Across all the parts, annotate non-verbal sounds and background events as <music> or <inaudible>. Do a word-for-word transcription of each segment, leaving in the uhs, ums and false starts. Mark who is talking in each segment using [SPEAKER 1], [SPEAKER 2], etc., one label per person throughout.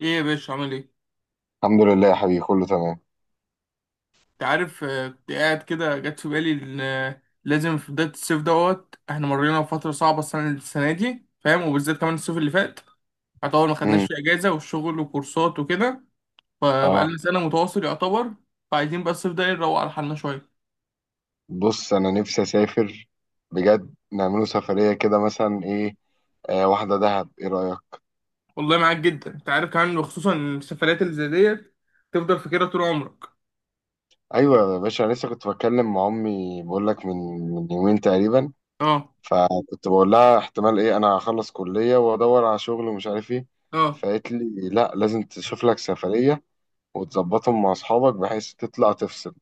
[SPEAKER 1] ايه يا باشا عامل ايه؟
[SPEAKER 2] الحمد لله يا حبيبي، كله تمام.
[SPEAKER 1] انت عارف، آه، كنت قاعد كده جت في بالي ان، آه، لازم في بداية الصيف دوت احنا مرينا بفترة صعبة. السنة السنة دي فاهم، وبالذات كمان الصيف اللي فات يعتبر ما خدناش
[SPEAKER 2] امم.
[SPEAKER 1] فيه اجازة، والشغل وكورسات وكده. فبقالنا
[SPEAKER 2] اه.
[SPEAKER 1] سنة متواصل يعتبر. فعايزين بقى الصيف ده نروق على حالنا شوية.
[SPEAKER 2] بص، انا نفسي اسافر بجد. نعمله سفريه كده، مثلا ايه؟ آه واحده دهب، ايه رايك؟
[SPEAKER 1] والله معاك جدا. انت عارف كمان، وخصوصا إن السفرات اللي زي ديت تفضل فاكرها طول عمرك.
[SPEAKER 2] ايوه يا باشا، انا لسه كنت بتكلم مع امي بقول لك من من يومين تقريبا.
[SPEAKER 1] اه.
[SPEAKER 2] فكنت بقول لها، احتمال ايه، انا هخلص كليه وادور على شغل، ومش عارف ايه.
[SPEAKER 1] اه،
[SPEAKER 2] فقالت لي لا، لازم تشوف لك سفريه وتظبطهم مع اصحابك بحيث تطلع تفصل.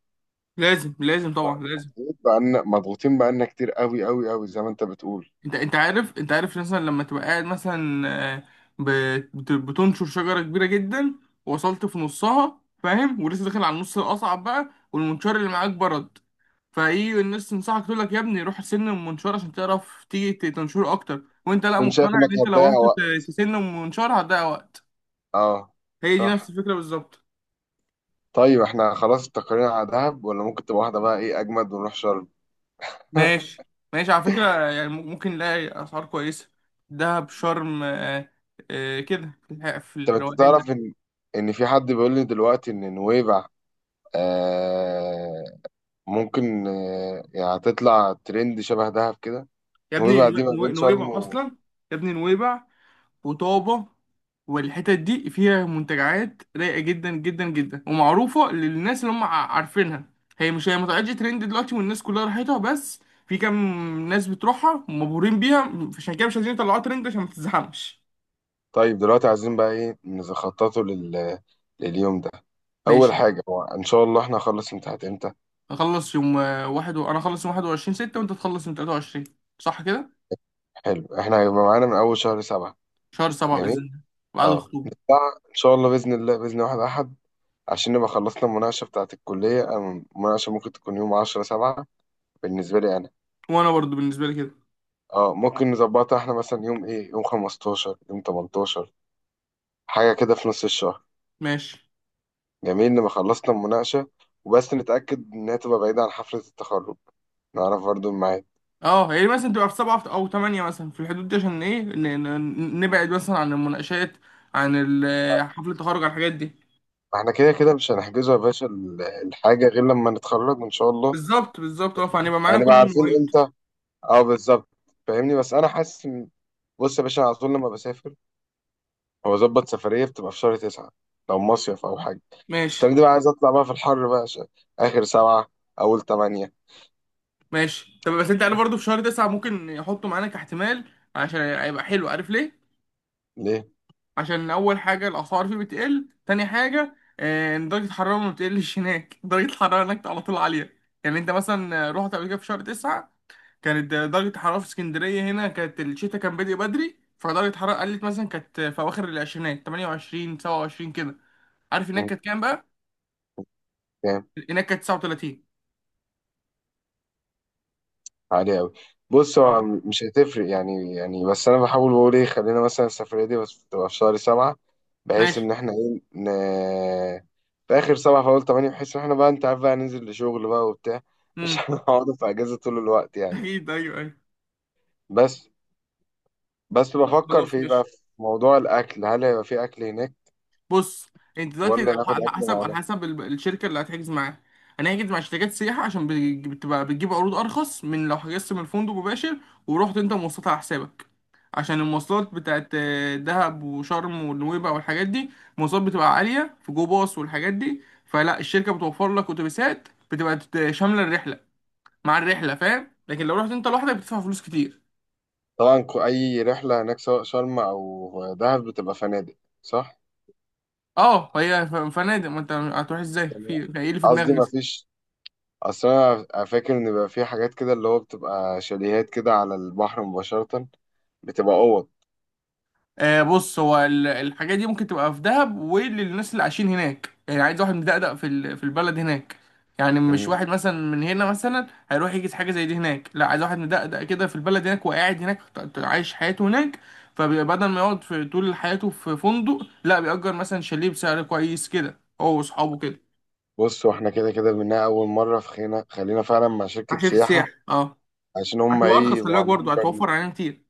[SPEAKER 1] لازم لازم طبعا لازم.
[SPEAKER 2] مضغوط بقى. مضغوطين بقالنا كتير، قوي قوي قوي زي ما انت بتقول.
[SPEAKER 1] انت انت عارف انت عارف مثلا لما تبقى قاعد مثلا، آه، بت- بت- بتنشر شجره كبيره جدا. وصلت في نصها فاهم، ولسه داخل على النص الاصعب بقى، والمنشار اللي معاك برد. فايه الناس تنصحك تقول لك يا ابني روح سن المنشار عشان تعرف تيجي ت- تنشره اكتر، وانت لا
[SPEAKER 2] كنت شايف
[SPEAKER 1] مقتنع
[SPEAKER 2] انك
[SPEAKER 1] ان انت لو
[SPEAKER 2] هتضيع
[SPEAKER 1] رحت
[SPEAKER 2] وقت.
[SPEAKER 1] ت- تسن المنشار هتضيع وقت.
[SPEAKER 2] اه.
[SPEAKER 1] هي دي نفس
[SPEAKER 2] صح.
[SPEAKER 1] الفكره بالظبط.
[SPEAKER 2] طيب احنا خلاص استقرينا على دهب، ولا ممكن تبقى واحدة بقى ايه اجمد ونروح شرم؟ <laughs>
[SPEAKER 1] ماشي. ماشي على فكره، يعني مم- ممكن نلاقي اسعار كويسه. دهب شرم، آه، آه، كده في الح- في
[SPEAKER 2] طب انت
[SPEAKER 1] الروقان.
[SPEAKER 2] تعرف ان ان في حد بيقول لي دلوقتي ان نويبع، آه ممكن آه يعني هتطلع ترند شبه دهب كده.
[SPEAKER 1] يا ابني
[SPEAKER 2] نويبع دي
[SPEAKER 1] نو-
[SPEAKER 2] ما
[SPEAKER 1] نو-
[SPEAKER 2] بين شرم
[SPEAKER 1] نويبع
[SPEAKER 2] و...
[SPEAKER 1] اصلا. يا ابني نويبع وطابة والحتت دي فيها منتجعات رايقة جدا جدا جدا، ومعروفة للناس اللي هم ع- عارفينها. هي مش هي ما طلعتش ترند دلوقتي والناس كلها راحتها، بس في كام ناس بتروحها مبهورين بيها. عشان كده مش عايزين يطلعوها ترند عشان ما تتزحمش.
[SPEAKER 2] طيب دلوقتي عايزين بقى ايه نخططه لل... لليوم ده؟ اول
[SPEAKER 1] ماشي.
[SPEAKER 2] حاجة، هو ان شاء الله احنا هنخلص امتحانات امتى؟
[SPEAKER 1] اخلص يوم، آه، واحد و... انا اخلص يوم واحد وعشرين ستة ستة، وانت تخلص يوم تلاتة وعشرين، صح كده؟
[SPEAKER 2] حلو، احنا هيبقى معانا من اول شهر سبعة.
[SPEAKER 1] شهر سبعة بإذن
[SPEAKER 2] جميل.
[SPEAKER 1] الله. بعد
[SPEAKER 2] اه
[SPEAKER 1] الخطوبة.
[SPEAKER 2] نطلع ان شاء الله، باذن الله باذن واحد احد، عشان نبقى خلصنا المناقشة بتاعة الكلية. أم- المناقشة ممكن تكون يوم عشرة سبعة بالنسبة لي أنا.
[SPEAKER 1] وانا برضو بالنسبة لي كده.
[SPEAKER 2] اه ممكن نظبطها احنا مثلا يوم ايه، يوم خمستاشر، يوم تمنتاشر، حاجة كده في نص الشهر.
[SPEAKER 1] ماشي.
[SPEAKER 2] جميل، نبقى خلصنا المناقشة، وبس نتأكد إنها تبقى بعيدة عن حفلة التخرج، نعرف برضو الميعاد.
[SPEAKER 1] اه يعني مثلا تبقى في سبعة او تمانية، مثلا في الحدود دي، عشان ايه ن- ن- نبعد مثلا عن المناقشات، عن ال- آه، حفلة التخرج، عن الحاجات دي.
[SPEAKER 2] احنا كده كده مش هنحجزه يا باشا ال- الحاجة غير لما نتخرج إن شاء الله.
[SPEAKER 1] بالظبط بالظبط، اه، فهنبقى معانا كل
[SPEAKER 2] هنبقى عارفين
[SPEAKER 1] المواعيد.
[SPEAKER 2] امتى. اه بالظبط. فاهمني، بس أنا حاسس إن- بص يا باشا، على طول لما بسافر هو ظبط سفرية، بتبقى في شهر تسعة لو مصيف أو حاجة.
[SPEAKER 1] ماشي.
[SPEAKER 2] السنة دي بقى عايز أطلع بقى في الحر بقى، ش- آخر سبعة أول تمانية.
[SPEAKER 1] ماشي، طب بس انت عارف برضه في شهر تسعة ممكن يحطوا معانا كاحتمال، عشان هيبقى حلو. عارف ليه؟
[SPEAKER 2] ليه؟
[SPEAKER 1] عشان أول حاجة الأسعار فيه بتقل، تاني حاجة، آه، إن درجة الحرارة ما بتقلش هناك. <laughs> درجة الحرارة هناك على طول عالية. يعني أنت مثلا رحت قبل كده في شهر تسعة، كانت درجة الحرارة في اسكندرية هنا، كانت الشتاء كان بادئ بدري، فدرجة الحرارة قلت مثلا كانت في أواخر العشرينات، ثمانية وعشرين سبعة وعشرين كده. عارف هناك
[SPEAKER 2] مم،
[SPEAKER 1] كانت كام بقى؟
[SPEAKER 2] فاهم.
[SPEAKER 1] هناك كانت تسعة وتلاتين.
[SPEAKER 2] عالي أوي. بص
[SPEAKER 1] اه.
[SPEAKER 2] هو م- مش هتفرق يعني يعني بس أنا بحاول بقول، إيه خلينا مثلا السفرية دي بس تبقى في شهر سبعة، بحيث
[SPEAKER 1] ماشي.
[SPEAKER 2] إن إحنا إيه ن... في آخر سبعة في أول تمانية، بحيث إن إحنا بقى أنت عارف بقى ننزل لشغل بقى وبتاع. مش <laughs>
[SPEAKER 1] امم.
[SPEAKER 2] هنقعد في أجازة طول الوقت
[SPEAKER 1] <laughs>
[SPEAKER 2] يعني.
[SPEAKER 1] أكيد، أيوه أيوه.
[SPEAKER 2] بس بس
[SPEAKER 1] طب
[SPEAKER 2] بفكر في
[SPEAKER 1] خلاص
[SPEAKER 2] إيه بقى،
[SPEAKER 1] ماشي.
[SPEAKER 2] في موضوع الأكل، هل هيبقى في أكل هناك؟
[SPEAKER 1] بص، انت دلوقتي
[SPEAKER 2] ولا ناخد
[SPEAKER 1] على
[SPEAKER 2] اكل
[SPEAKER 1] حسب، على
[SPEAKER 2] معانا؟
[SPEAKER 1] حسب ال- الشركه اللي هتحجز معاها. انا هحجز مع شركات سياحه عشان بتج- بتبقى بتجيب عروض ارخص من لو حجزت من الفندق مباشر، ورحت انت مواصلات على حسابك. عشان المواصلات بتاعت، آه، دهب وشرم ونويبع والحاجات دي، المواصلات بتبقى عاليه في جو باص والحاجات دي. فلا، الشركه بتوفر لك اتوبيسات بتبقى تت- شامله الرحله، مع الرحله فاهم. لكن لو رحت انت لوحدك بتدفع فلوس كتير.
[SPEAKER 2] طبعا، كو- اي رحله هناك سواء شرم او دهب بتبقى فنادق. صح.
[SPEAKER 1] اه، هي ف- فنادق. ما انت هتروح ازاي؟
[SPEAKER 2] يعني
[SPEAKER 1] في يعني ايه اللي في
[SPEAKER 2] قصدي ما
[SPEAKER 1] دماغك؟
[SPEAKER 2] فيش، اصل انا فاكر ان بيبقى في حاجات كده اللي هو بتبقى شاليهات كده على البحر مباشره، بتبقى اوض.
[SPEAKER 1] آه بص، هو ال- الحاجات دي ممكن تبقى في دهب، وللناس اللي عايشين هناك. يعني عايز واحد مدقدق في ال- في البلد هناك، يعني مش
[SPEAKER 2] مم.
[SPEAKER 1] واحد مثلا من هنا مثلا هيروح يجي حاجه زي دي هناك. لا، عايز واحد مدقدق كده في البلد هناك، وقاعد هناك ط- ط- عايش حياته هناك. فبدل ما يقعد في طول حياته في فندق، لا، بيأجر مثلا شاليه بسعر كويس كده هو واصحابه كده.
[SPEAKER 2] بص، واحنا كده كده منها اول مره، في خينا خلينا فعلا مع
[SPEAKER 1] مع
[SPEAKER 2] شركه
[SPEAKER 1] شركه
[SPEAKER 2] سياحه،
[SPEAKER 1] سياحه، اه.
[SPEAKER 2] عشان هم
[SPEAKER 1] هتبقى
[SPEAKER 2] ايه
[SPEAKER 1] ارخص، خلي
[SPEAKER 2] يبقوا
[SPEAKER 1] بالك
[SPEAKER 2] عاملين
[SPEAKER 1] برضه،
[SPEAKER 2] برنامج.
[SPEAKER 1] هتوفر علينا كتير.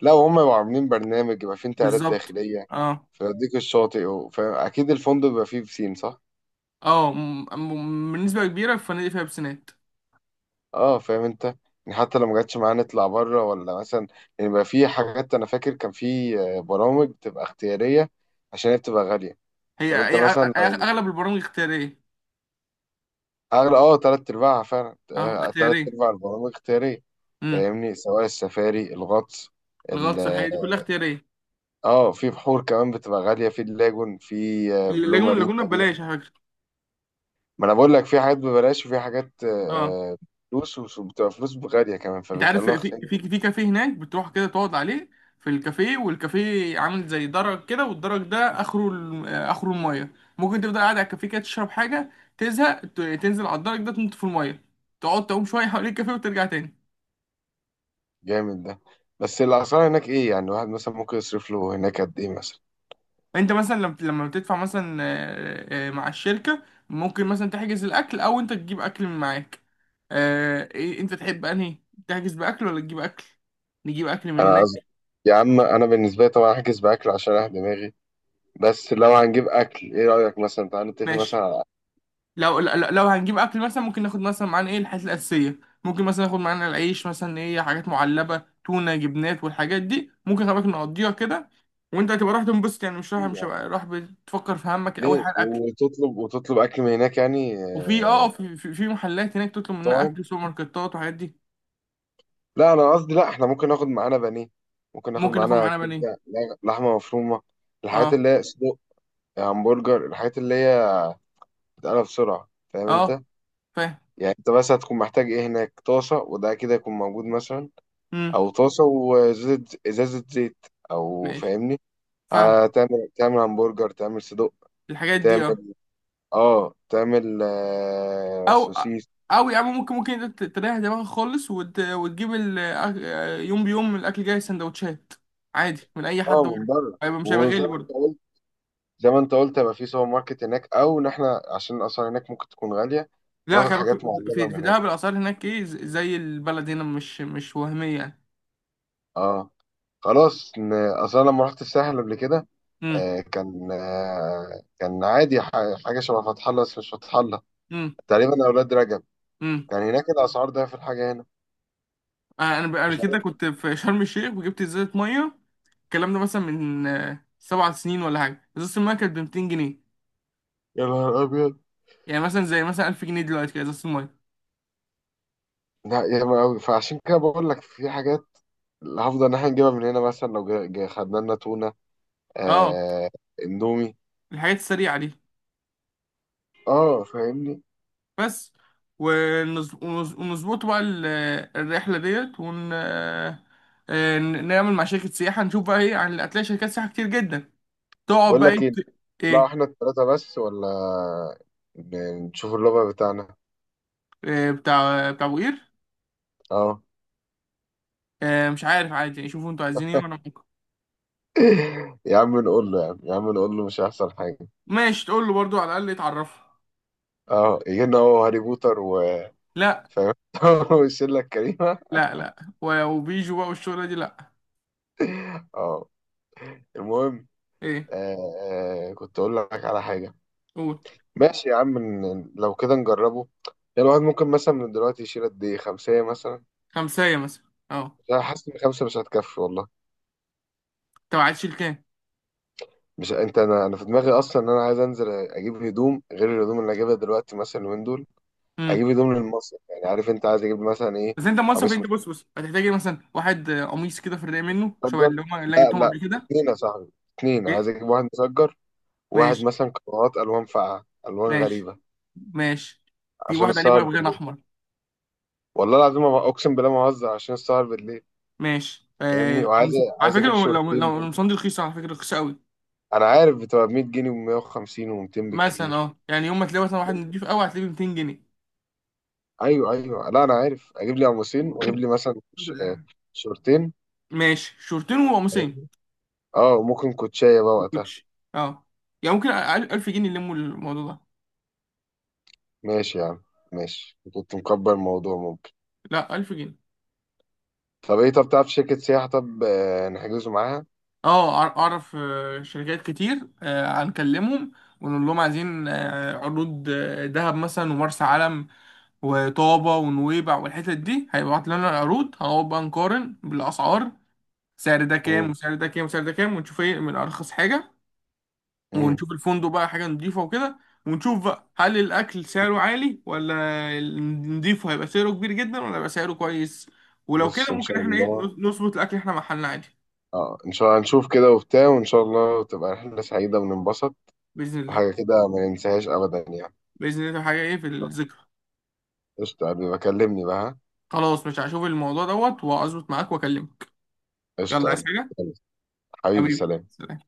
[SPEAKER 2] لا، هم يبقوا عاملين برنامج يبقى فيه انتقالات
[SPEAKER 1] بالظبط.
[SPEAKER 2] داخليه،
[SPEAKER 1] اه.
[SPEAKER 2] فيوديك الشاطئ و... فاكيد الفندق بيبقى فيه بسين. صح.
[SPEAKER 1] اه م- م- بالنسبه كبيره في فنادق فيها بسنات.
[SPEAKER 2] اه فاهم انت. يعني حتى لو ما جاتش معانا نطلع بره ولا مثلا. يعني بقى في حاجات، انا فاكر كان في آه، برامج بتبقى اختياريه، عشان هي بتبقى غاليه.
[SPEAKER 1] هي
[SPEAKER 2] طب انت
[SPEAKER 1] هي أغ-
[SPEAKER 2] مثلا
[SPEAKER 1] أغ-
[SPEAKER 2] لو
[SPEAKER 1] اغلب البرامج اختياريه.
[SPEAKER 2] اغلى، اه تلات ارباعها فعلا،
[SPEAKER 1] اه
[SPEAKER 2] آه، تلات
[SPEAKER 1] اختياريه.
[SPEAKER 2] ارباع البرامج اختياريه.
[SPEAKER 1] امم.
[SPEAKER 2] فاهمني، سواء السفاري، الغطس، ال
[SPEAKER 1] الغطس، الحاجه دي كلها اختياريه.
[SPEAKER 2] اه في بحور كمان بتبقى غاليه، في اللاجون، في آه، بلو
[SPEAKER 1] اللاجون،
[SPEAKER 2] مارين
[SPEAKER 1] اللاجونه
[SPEAKER 2] تقريبا.
[SPEAKER 1] ببلاش على فكره.
[SPEAKER 2] ما انا بقول لك في حاجات ببلاش، وفي حاجات
[SPEAKER 1] اه.
[SPEAKER 2] آه، آه، فلوس، وبتبقى فلوس غاليه كمان
[SPEAKER 1] انت عارف
[SPEAKER 2] فبيخلوها.
[SPEAKER 1] في، في في كافيه هناك بتروح كده تقعد عليه. في الكافيه، والكافيه عامل زي درج كده، والدرج ده اخره ال- آه، اخره الميه. ممكن تفضل قاعد على الكافيه كده تشرب حاجه، تزهق ت- تنزل على الدرج ده تنط في الميه، تقعد تعوم شويه حوالين الكافيه وترجع تاني.
[SPEAKER 2] جامد ده. بس الاسعار هناك ايه يعني الواحد مثلا ممكن يصرف له هناك قد ايه مثلا.
[SPEAKER 1] انت مثلا لم- لما بتدفع مثلا، آه، آه، مع الشركة، ممكن مثلا تحجز الأكل، أو انت تجيب أكل من معاك. آه، إيه- انت تحب أنهي؟ تحجز بأكل ولا تجيب أكل؟ نجيب أكل من
[SPEAKER 2] انا
[SPEAKER 1] هناك.
[SPEAKER 2] قصدي، يا عم انا بالنسبه لي طبعا هحجز باكل عشان اريح دماغي. بس لو هنجيب اكل، ايه رايك مثلا تعالى نتفق مثلا
[SPEAKER 1] ماشي.
[SPEAKER 2] على
[SPEAKER 1] لو لو لو هنجيب أكل، مثلا ممكن ناخد مثلا معانا ايه، الحاجات الأساسية. ممكن مثلا ناخد معانا العيش، مثلا ايه، حاجات معلبة، تونة، جبنات والحاجات دي، ممكن. خلي بالك نقضيها كده، وانت هتبقى رايح تنبسط، يعني مش رايح،
[SPEAKER 2] ايه
[SPEAKER 1] مش
[SPEAKER 2] يعني.
[SPEAKER 1] هبقى رايح بتفكر في همك، أول
[SPEAKER 2] ليه،
[SPEAKER 1] حاجة الأكل.
[SPEAKER 2] وتطلب وتطلب اكل من هناك يعني
[SPEAKER 1] وفي اه، آه،
[SPEAKER 2] آه،
[SPEAKER 1] في في في محلات هناك تطلب منها
[SPEAKER 2] طاعم.
[SPEAKER 1] أكل، سوبر ماركتات وحاجات دي.
[SPEAKER 2] لا انا قصدي، لا احنا ممكن ناخد معانا بانيه، ممكن ناخد
[SPEAKER 1] ممكن ناخد
[SPEAKER 2] معانا
[SPEAKER 1] معانا بانيه.
[SPEAKER 2] كبده، لغ- لحمه مفرومه، الحاجات
[SPEAKER 1] اه.
[SPEAKER 2] اللي هي صدق، همبرجر، الحاجات اللي هي بتتقلب بسرعه، فاهم
[SPEAKER 1] اه
[SPEAKER 2] انت.
[SPEAKER 1] فاهم.
[SPEAKER 2] يعني انت بس هتكون محتاج ايه هناك، طاسه وده كده يكون موجود مثلا،
[SPEAKER 1] امم.
[SPEAKER 2] او طاسه وازازه، ازازه زيت، او
[SPEAKER 1] ماشي.
[SPEAKER 2] فاهمني.
[SPEAKER 1] فاهم.
[SPEAKER 2] هتعمل تعمل همبرجر، تعمل صدق،
[SPEAKER 1] الحاجات دي اه.
[SPEAKER 2] تعمل اه تعمل آه
[SPEAKER 1] او،
[SPEAKER 2] سوسيس.
[SPEAKER 1] او يا عم، ممكن ممكن انت ت- تريح دماغك خالص، وت... وتجيب ال... أك- يوم بيوم الاكل جاي سندوتشات عادي من اي حد
[SPEAKER 2] اه من
[SPEAKER 1] بره.
[SPEAKER 2] بره،
[SPEAKER 1] هيبقى، مش هيبقى
[SPEAKER 2] وزي
[SPEAKER 1] غالي
[SPEAKER 2] ما انت
[SPEAKER 1] برضه.
[SPEAKER 2] قلت، زي ما انت قلت يبقى في سوبر ماركت هناك، او ان احنا عشان اصلا هناك ممكن تكون غاليه،
[SPEAKER 1] لا
[SPEAKER 2] ناخد
[SPEAKER 1] خلي
[SPEAKER 2] حاجات
[SPEAKER 1] بالك،
[SPEAKER 2] معلبه
[SPEAKER 1] في في
[SPEAKER 2] من هنا.
[SPEAKER 1] دهب الاسعار هناك ايه، ز- زي البلد هنا، مش مش وهميه يعني.
[SPEAKER 2] اه خلاص. ن- اصلا لما رحت الساحل قبل كده،
[SPEAKER 1] امم.
[SPEAKER 2] آه، كان آه، كان عادي، ح- حاجة شبه فتح الله بس مش فتح الله،
[SPEAKER 1] امم.
[SPEAKER 2] تقريبا أولاد رجب.
[SPEAKER 1] امم.
[SPEAKER 2] كان هناك الأسعار ده في الحاجة هنا.
[SPEAKER 1] انا ب- قبل
[SPEAKER 2] مش
[SPEAKER 1] كده كنت في شرم الشيخ وجبت ازازه ميه، الكلام ده مثلا من، آه، سبع سنين ولا حاجه، ازازه الميه كانت ب ميتين جنيه.
[SPEAKER 2] يا نهار ابيض
[SPEAKER 1] يعني مثلا زي مثلا ألف جنيه دلوقتي كده ازازة المية.
[SPEAKER 2] لا ياما قوي. فعشان كده بقول لك في حاجات اللي هفضل ان احنا نجيبها من هنا، مثلا لو جا- جا- خدنا لنا تونه،
[SPEAKER 1] اه،
[SPEAKER 2] آه اندومي.
[SPEAKER 1] الحاجات السريعة دي
[SPEAKER 2] اه فاهمني.
[SPEAKER 1] بس. ونز- ونز- ونظبط بقى ال- الرحلة ديت، ون آه، ن- نعمل مع شركة سياحة، نشوف بقى ايه. يعني هتلاقي شركات سياحة كتير جدا، تقعد
[SPEAKER 2] بقول
[SPEAKER 1] بقى
[SPEAKER 2] لك
[SPEAKER 1] ايه
[SPEAKER 2] ايه،
[SPEAKER 1] ت-
[SPEAKER 2] نطلعوا
[SPEAKER 1] ايه.
[SPEAKER 2] احنا الثلاثه بس ولا ن- نشوف اللغه بتاعنا.
[SPEAKER 1] آه، بتاع بتاع ابو قير،
[SPEAKER 2] اه.
[SPEAKER 1] آه، مش عارف عادي يعني، شوفوا انتوا عايزين ايه وانا ممكن.
[SPEAKER 2] <laughs> يا عم نقول له، يا عم يا عم نقول له مش هيحصل حاجه.
[SPEAKER 1] ماشي تقول له برضو، على الأقل يتعرفوا.
[SPEAKER 2] اه يجي لنا هو هاري بوتر و
[SPEAKER 1] لا
[SPEAKER 2] فاهم <laughs> والشله الكريمه.
[SPEAKER 1] لا. لا، و- وبيجوا بقى والشغلة دي، لا.
[SPEAKER 2] اه المهم.
[SPEAKER 1] ايه.
[SPEAKER 2] آه آه كنت اقول لك على حاجه.
[SPEAKER 1] قول.
[SPEAKER 2] ماشي يا عم، ن- لو كده نجربه. يعني الواحد ممكن مثلا من دلوقتي يشيل قد ايه، خمسة مثلا.
[SPEAKER 1] خمسة مثلا، اه.
[SPEAKER 2] انا حاسس ان خمسة مش هتكفي والله.
[SPEAKER 1] انت عايز تشيل كام؟
[SPEAKER 2] مش انت، انا انا في دماغي اصلا ان انا عايز انزل اجيب هدوم غير الهدوم اللي اجيبها دلوقتي مثلا اليومين دول. اجيب هدوم للمصيف يعني، عارف انت عايز اجيب مثلا ايه.
[SPEAKER 1] بس انت مصرف.
[SPEAKER 2] قميص
[SPEAKER 1] انت بص بص هتحتاج ايه؟ مثلا واحد، آه، قميص كده في الرقاق منه شبه
[SPEAKER 2] متسجر.
[SPEAKER 1] اللي هم اللي أنا
[SPEAKER 2] لا
[SPEAKER 1] جبتهم
[SPEAKER 2] لا
[SPEAKER 1] قبل كده.
[SPEAKER 2] اتنين يا صاحبي، اتنين عايز
[SPEAKER 1] ايه.
[SPEAKER 2] اجيب واحد مسجر، وواحد
[SPEAKER 1] ماشي.
[SPEAKER 2] مثلا قنوات الوان فاقعة الوان
[SPEAKER 1] ماشي.
[SPEAKER 2] غريبة،
[SPEAKER 1] ماشي. تجيب
[SPEAKER 2] عشان
[SPEAKER 1] واحد عليه
[SPEAKER 2] السهر
[SPEAKER 1] بغيان
[SPEAKER 2] بالليل.
[SPEAKER 1] احمر.
[SPEAKER 2] والله العظيم، ما- اقسم بالله ما بهزر، عشان السهر بالليل.
[SPEAKER 1] ماشي. آه
[SPEAKER 2] فاهمني، وعايز
[SPEAKER 1] قميص على
[SPEAKER 2] عايز
[SPEAKER 1] فكره،
[SPEAKER 2] اجيب
[SPEAKER 1] لو لو
[SPEAKER 2] شورتين.
[SPEAKER 1] لو القمصان دي رخيصه على فكره، رخيصه قوي.
[SPEAKER 2] انا عارف بتبقى ب مية جنيه ومية وخمسين وميتين
[SPEAKER 1] مثلا
[SPEAKER 2] بالكتير.
[SPEAKER 1] اه، يعني يوم ما تلاقي مثلا واحد نضيف قوي هتلاقيه ب مائتين جنيه.
[SPEAKER 2] ايوه ايوه، لا انا عارف اجيب لي قميصين، واجيب لي مثلا ش-
[SPEAKER 1] الحمد
[SPEAKER 2] آه،
[SPEAKER 1] لله.
[SPEAKER 2] شورتين،
[SPEAKER 1] ماشي، شورتين وقميصين
[SPEAKER 2] فاهمني. اه وممكن كوتشايه بقى وقتها.
[SPEAKER 1] وكوتش. اه يعني ممكن أقل- ألف جنيه يلموا الموضوع ده.
[SPEAKER 2] ماشي يا عم. ماشي، كنت مكبر الموضوع ممكن.
[SPEAKER 1] لا ألف جنيه.
[SPEAKER 2] طب ايه، طب تعرف شركه سياحه طب آه، نحجزه معاها.
[SPEAKER 1] اه أع- اعرف، آه، شركات كتير. آه، هنكلمهم ونقول لهم عايزين، آه، عروض، آه، دهب مثلا، ومرسى علم وطابة ونويبع والحتت دي. هيبعت لنا العروض، هنقعد بقى نقارن بالاسعار، سعر ده كام
[SPEAKER 2] امم.
[SPEAKER 1] وسعر ده كام وسعر ده كام، ونشوف ايه من ارخص حاجة.
[SPEAKER 2] امم.
[SPEAKER 1] ونشوف الفندق بقى حاجة نضيفة وكده، ونشوف بقى هل الاكل سعره عالي، ولا النضيف هيبقى سعره كبير جدا، ولا هيبقى سعره كويس. ولو كده
[SPEAKER 2] بص، ان
[SPEAKER 1] ممكن
[SPEAKER 2] شاء
[SPEAKER 1] احنا ايه،
[SPEAKER 2] الله.
[SPEAKER 1] نظبط الاكل احنا محلنا عادي.
[SPEAKER 2] اه ان شاء الله هنشوف كده وبتاع، وان شاء الله تبقى رحله سعيده وننبسط،
[SPEAKER 1] بإذن الله.
[SPEAKER 2] وحاجه كده ما ننساهاش ابدا يعني.
[SPEAKER 1] بإذن الله. حاجة إيه في الذكرى.
[SPEAKER 2] قشطه يا حبيبي، بكلمني بقى، ها؟
[SPEAKER 1] خلاص مش هشوف الموضوع دوت واظبط معاك واكلمك. يلا
[SPEAKER 2] قشطه يا
[SPEAKER 1] عايز
[SPEAKER 2] حبيبي.
[SPEAKER 1] حاجة؟
[SPEAKER 2] يلا. حبيبي
[SPEAKER 1] حبيبي
[SPEAKER 2] سلام
[SPEAKER 1] سلام.